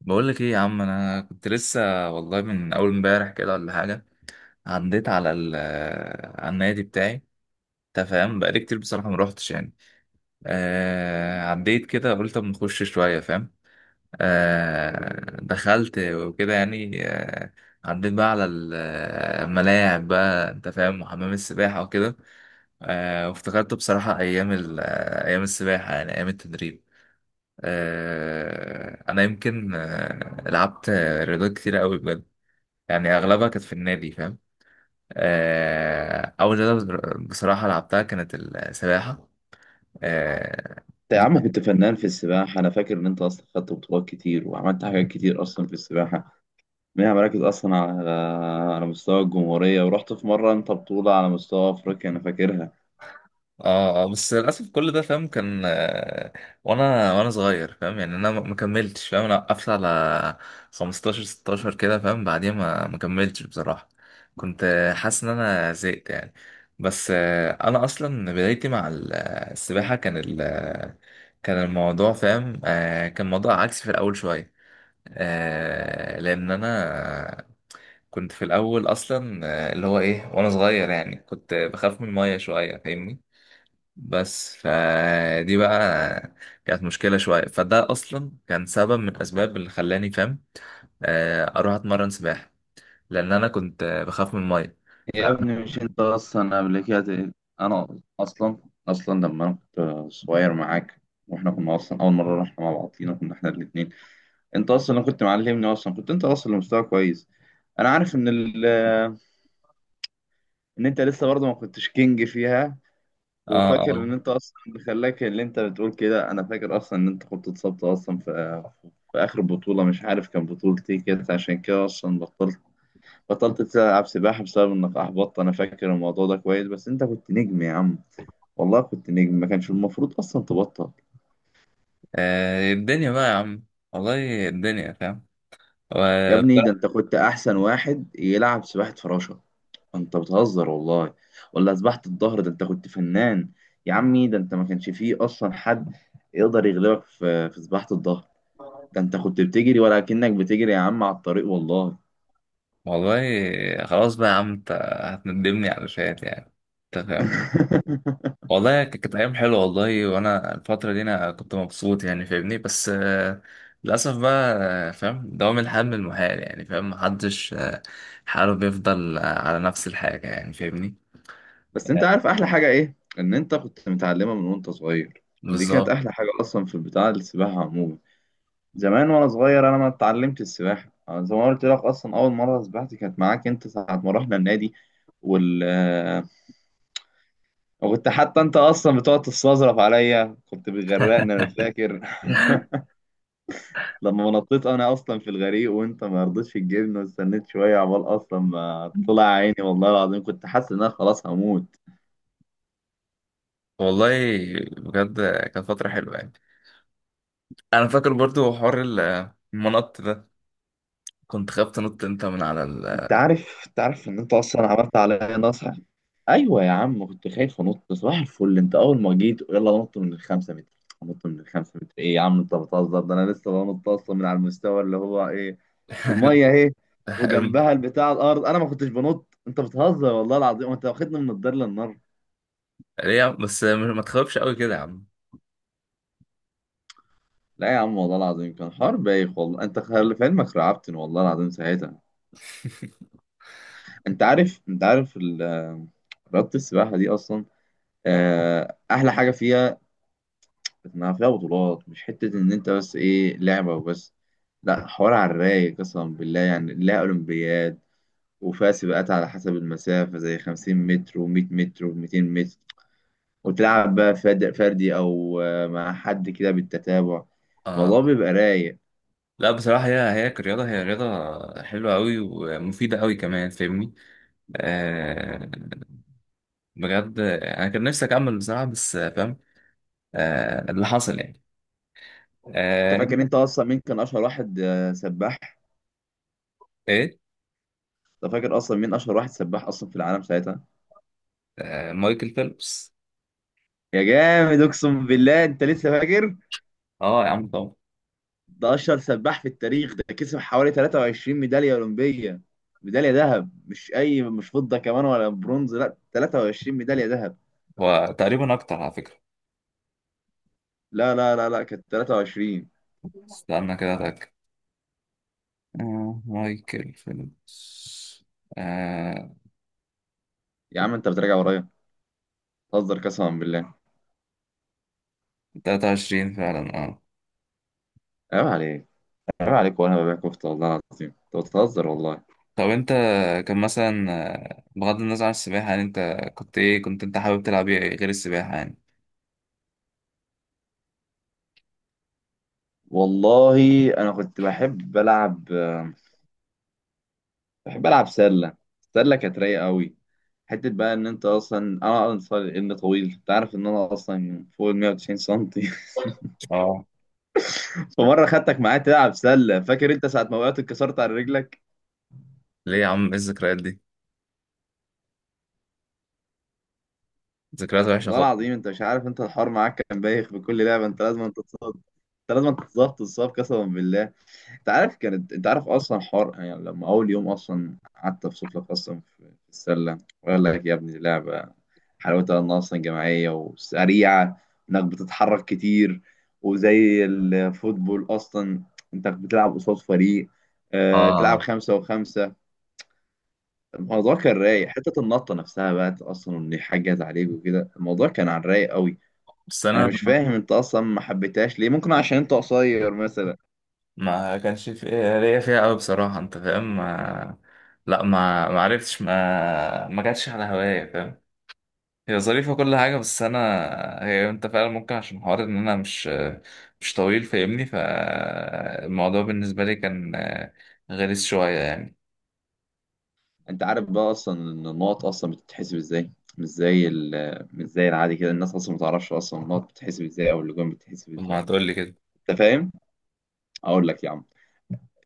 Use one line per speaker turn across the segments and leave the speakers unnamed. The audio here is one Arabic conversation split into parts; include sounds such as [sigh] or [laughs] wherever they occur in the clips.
بقول لك ايه يا عم؟ انا كنت لسه والله من اول امبارح كده ولا حاجه. عديت على النادي بتاعي. انت فاهم؟ بقالي كتير بصراحه ما روحتش يعني. عديت كده، قلت اما اخش شويه فاهم. دخلت وكده يعني عديت بقى الملاعب بقى انت فاهم، وحمام السباحه وكده. وافتكرت بصراحه ايام السباحه، يعني ايام التدريب. انا يمكن لعبت رياضات كتير قوي بجد. يعني اغلبها كانت في النادي فاهم. اول رياضه بصراحه لعبتها كانت السباحه. اه.
انت يا
دي-
عم كنت فنان في السباحة. أنا فاكر إن أنت أصلا خدت بطولات كتير وعملت حاجات كتير أصلا في السباحة، منها مراكز أصلا على مستوى الجمهورية، ورحت في مرة أنت بطولة على مستوى أفريقيا أنا فاكرها.
اه، بس للاسف كل ده فاهم، كان وانا صغير فاهم. يعني انا ما كملتش فاهم. انا وقفت على 15 16 كده فاهم. بعديها ما كملتش بصراحه. كنت حاسس ان انا زهقت يعني. بس انا اصلا بدايتي السباحه كان الموضوع فاهم، كان موضوع عكسي في الاول شويه. لان انا كنت في الاول اصلا اللي هو ايه، وانا صغير يعني كنت بخاف من الميه شويه فاهمني. بس فدي بقى كانت مشكله شويه. فده اصلا كان سبب من الاسباب اللي خلاني فاهم اروح اتمرن سباحه. لان انا كنت بخاف من الميه. ف...
يا
آه,
ابني مش أنت أصلا قبل كده أنا أصلا لما أنا كنت صغير معاك، وإحنا كنا أصلا أول مرة رحنا مع بعضينا كنا إحنا الاتنين، أنت أصلا اللي كنت معلمني، أصلا كنت أنت أصلا مستوى كويس. أنا عارف إن إن أنت لسه برضه ما كنتش كينج فيها. وفاكر
اه.
ان انت اصلا اللي خلاك اللي انت بتقول كده، انا فاكر اصلا ان انت كنت اتصبت اصلا في اخر بطوله، مش عارف كان بطوله ايه كده، عشان كده اصلا بطلت تلعب سباحه بسبب انك احبطت. انا فاكر الموضوع ده كويس، بس انت كنت نجم يا عم. والله كنت نجم، ما كانش المفروض اصلا تبطل.
اه، الدنيا بقى يا عم. والله الدنيا فاهم.
يا ابني ده
وبصراحة،
انت كنت احسن واحد يلعب سباحه فراشه. انت بتهزر والله. ولا سباحه الظهر، ده انت كنت فنان. يا عمي ده انت ما كانش فيه اصلا حد يقدر يغلبك في سباحه الظهر. ده انت كنت بتجري ولا كأنك بتجري يا عم على الطريق والله.
والله، خلاص بقى يا عم. انت هتندمني على شوية يعني. انت فاهم؟
[laughs]
والله كانت أيام حلوة والله. وأنا الفترة دي أنا كنت مبسوط يعني فاهمني. بس للأسف بقى فاهم، دوام الحال من المحال يعني فاهم. محدش حاله بيفضل على نفس الحاجة يعني فاهمني.
بس انت عارف احلى حاجة ايه؟ ان انت كنت متعلمة من وانت صغير، دي كانت
بالظبط.
احلى حاجة اصلا في بتاع السباحة عموما. زمان وانا صغير انا ما اتعلمت السباحة، أنا زي ما قلت لك اصلا اول مرة سبحت كانت معاك انت ساعة ما رحنا النادي. وال آه، وكنت حتى انت اصلا بتقعد تستظرف عليا، كنت بتغرقني انا فاكر. [laughs] لما ما نطيت انا اصلا في الغريق وانت ما رضيتش تجيبني، واستنيت شويه عبال اصلا ما طلع عيني، والله العظيم كنت حاسس ان انا خلاص هموت.
والله بجد كانت فترة حلوة يعني. أنا فاكر برضو حوار المنط ده كنت خايف تنط أنت من على
انت
ال.
عارف انت عارف ان انت اصلا عملت عليا نصح. ايوه يا عم كنت خايف انط، صباح الفل انت اول ما جيت يلا نط من الخمسة متر. نط من الخمسة متر؟ ايه يا عم انت بتهزر، ده انا لسه بنط اصلا من على المستوى اللي هو ايه الميه
[laughs]
اهي،
الم-
وجنبها البتاع الارض، انا ما كنتش بنط. انت بتهزر والله العظيم، وانت واخدني من الدار للنار.
ليه يا عم؟ بس ما تخافش قوي كده يا عم.
لا يا عم والله العظيم كان حوار بايخ والله، انت خلي في علمك رعبتني والله العظيم ساعتها.
[laughs]
انت عارف رياضة السباحة دي اصلا،
اه
احلى حاجة فيها انها فيها بطولات، مش حتة ان انت بس ايه لعبة وبس، لا حوار على الرايق قسما بالله. يعني لها اولمبياد، وفيها سباقات على حسب المسافة زي 50 متر و100 متر و200 متر. وتلعب بقى فردي او مع حد كده بالتتابع. الموضوع
اه.
بيبقى رايق.
لا بصراحة، هي كرياضة، هي رياضة حلوة أوي، ومفيدة أوي كمان فاهمني. آه. بجد أنا كان نفسي أكمل بصراحة، بس فاهم اللي حصل يعني.
انت فاكر
أنت
انت اصلا مين كان اشهر واحد سباح؟
إيه.
انت فاكر اصلا مين اشهر واحد سباح اصلا في العالم ساعتها؟
آه، مايكل فيلبس.
يا جامد اقسم بالله انت لسه فاكر.
أه يا عم طبعا.
ده اشهر سباح في التاريخ، ده كسب حوالي 23 ميداليه اولمبيه. ميداليه ذهب، مش اي، مش فضه كمان ولا برونز، لا، 23 ميداليه ذهب.
هو تقريبا أكتر على فكرة.
لا لا لا لا، كانت 23.
استنى كده أتأكد. آه، مايكل فيلبس. آه.
يا عم انت بتراجع ورايا، بتهزر قسما بالله.
23 فعلا أه.
عيب عليك، عيب عليك وانا ببيع كفته والله العظيم، انت بتهزر والله.
طب أنت، كان مثلا بغض النظر عن السباحة يعني، أنت كنت إيه؟ كنت أنت حابب تلعب إيه غير السباحة يعني؟
والله انا كنت بحب العب سله. السله كانت رايقه قوي. حته بقى ان انت اصلا انا اصلا ان طويل، انت عارف ان انا اصلا فوق ال 190 سنتي.
اه.
[laughs] فمره خدتك معايا تلعب سله، فاكر انت ساعه ما وقعت اتكسرت على رجلك.
ليه يا عم؟ ايه الذكريات دي؟ ذكريات وحشه
والله
خالص.
العظيم انت مش عارف، انت الحوار معاك كان بايخ، في كل لعبه انت لازم تصاب، انت لازم تصاب قسما بالله. انت عارف اصلا حوار، يعني لما اول يوم اصلا قعدت افصل لك اصلا في السله، وقال لك يا ابني دي لعبه حلاوتها انها اصلا جماعيه وسريعه، انك بتتحرك كتير، وزي الفوتبول اصلا انت بتلعب قصاد فريق، اه تلعب
اه.
خمسة وخمسة. الموضوع كان رايق، حتة النطة نفسها بقى أصلا إن حاجة جت عليك وكده الموضوع كان على الرايق قوي.
بس
أنا
انا
مش فاهم أنت أصلا ما حبيتهاش ليه، ممكن عشان أنت قصير مثلا.
ما كانش في ليا فيها قوي بصراحه انت فاهم، ما... لا ما عرفتش، ما جاتش على هوايا فاهم. هي ظريفه كل حاجه، بس انا هي انت فعلا ممكن عشان حوار ان انا مش طويل فاهمني. فالموضوع بالنسبه لي كان غلس شويه يعني.
انت عارف بقى اصلا ان النقط اصلا بتتحسب ازاي؟ مش زي العادي كده، الناس اصلا ما تعرفش اصلا النقط بتتحسب ازاي او اللجوم بتتحسب
طب ما
ازاي.
هتقول لي كده.
انت فاهم، اقول لك يا عم،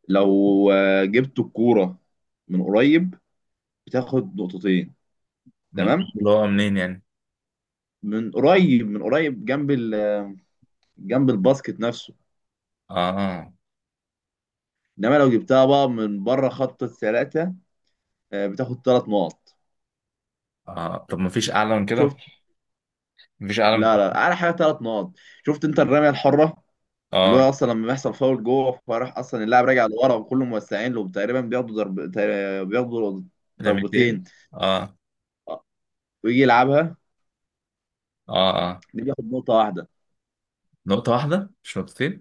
لو جبت الكوره من قريب بتاخد نقطتين. تمام؟
اللي هو منين يعني؟
من قريب، جنب جنب الباسكت نفسه.
اه
انما لو جبتها بقى من بره خط الثلاثه، بتاخد ثلاث نقط.
اه. طب ما فيش اعلى من كده؟
شفت؟
مفيش اعلى من.
لا لا، على حاجه ثلاث نقط. شفت انت الرميه الحره؟ اللي هو
اه.
اصلا لما بيحصل فاول جوه فراح اصلا اللاعب راجع لورا وكله موسعين له، تقريبا بياخدوا ضرب، تقريباً بياخدوا
لميتين.
ضربتين، ويجي يلعبها.
اه اه.
دي بياخد نقطة واحدة.
نقطة واحدة مش نقطتين؟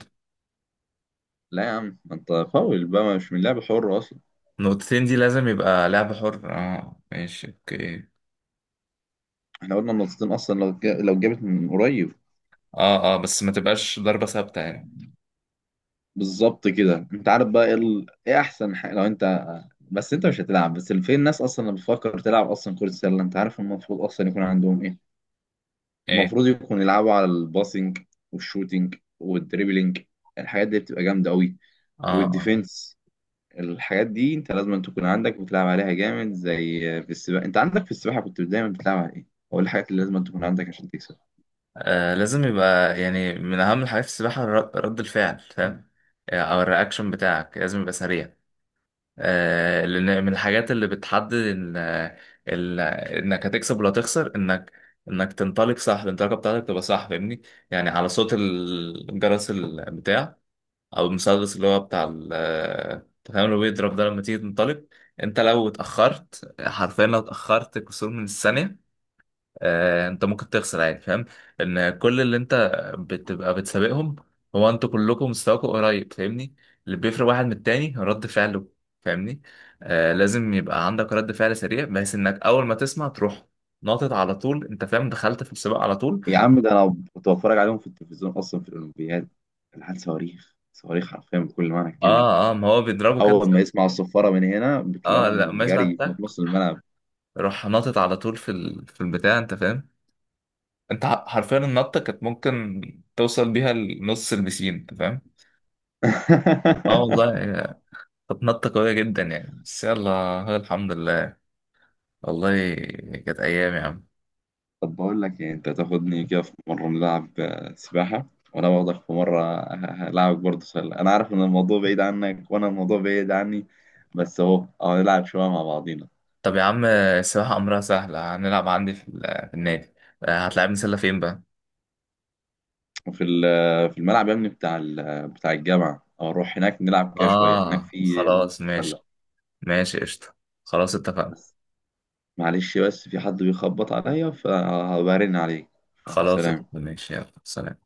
لا يا عم ما انت فاول بقى، مش من لعب حر اصلا.
نقطتين دي لازم يبقى لعب حر. اه ماشي اوكي.
احنا قلنا النقطتين اصلا لو لو جابت من قريب.
اه اه. بس ما تبقاش ضربة ثابتة يعني.
بالظبط كده، انت عارف بقى ايه ايه احسن حاجة لو انت. بس انت مش هتلعب بس، فين الناس اصلا اللي بتفكر تلعب اصلا كرة سلة، انت عارف المفروض اصلا يكون عندهم ايه؟
ايه.
المفروض يكونوا يلعبوا على الباسنج والشوتينج والدريبلينج، الحاجات دي بتبقى جامدة قوي.
اه اه،
والديفنس، الحاجات دي انت لازم أن تكون عندك بتلعب عليها جامد. زي في السباحة، انت عندك في السباحة كنت دايما بتلعب على ايه؟ هو إيه الحاجات اللي لازم أن تكون عندك عشان تكسب؟
لازم يبقى يعني من أهم الحاجات في السباحة رد الفعل فاهم. أو الرياكشن بتاعك لازم يبقى سريع. لأن من الحاجات اللي بتحدد إن ال- إنك هتكسب ولا تخسر. إنك تنطلق صح، الانطلاقة بتاعتك تبقى صح فاهمني. يعني على صوت الجرس البتاع، او المسدس اللي هو بتاع ال أنت فاهم، اللي هو بيضرب ده لما تيجي تنطلق. انت لو اتاخرت، حرفيا لو اتاخرت كسور من الثانيه، انت ممكن تخسر عادي فاهم. ان كل اللي انت بتبقى بتسابقهم، هو انتوا كلكم مستواكم قريب فاهمني. اللي بيفرق واحد من التاني هو رد فعله فاهمني. لازم يبقى عندك رد فعل سريع، بحيث انك اول ما تسمع تروح ناطط على طول انت فاهم، دخلت في السباق على طول.
يا عم ده انا كنت بتفرج عليهم في التلفزيون اصلا في الاولمبياد، العيال صواريخ، صواريخ حرفيا بكل معنى الكلمة.
اه اه، ما هو بيضربه كده.
اول ما يسمعوا الصفارة من هنا
اه لا،
بتلاقيهم
ما يسمع
جري في
التك
نص الملعب.
راح ناطط على طول في ال... في البتاع انت فاهم. انت حرفيا النطه كانت ممكن توصل بيها لنص البسين انت فاهم. اه
[laughs]
والله، هي كانت نطه قويه جدا يعني. بس يلا، هو الحمد لله. والله كانت ايام يا عم.
طب بقول لك إيه، أنت تاخدني كده في مرة نلعب سباحة، وأنا باخدك في مرة هلعبك برضه سلة. أنا عارف إن الموضوع بعيد عنك وأنا الموضوع بعيد عني، بس أهو أهو نلعب شوية مع بعضينا.
طب يا عم السباحه امرها سهله، هنلعب عندي في ال... في النادي. هتلعبني سله فين بقى؟
وفي في الملعب يا ابني بتاع بتاع الجامعة، أو نروح هناك نلعب كده شوية هناك
اه
في
خلاص
سلة.
ماشي. ماشي قشطه. خلاص اتفقنا.
بس معلش، بس في حد بيخبط عليا فهبرن عليك،
خلاص قشطة.
فسلام.
ماشي يلا سلام.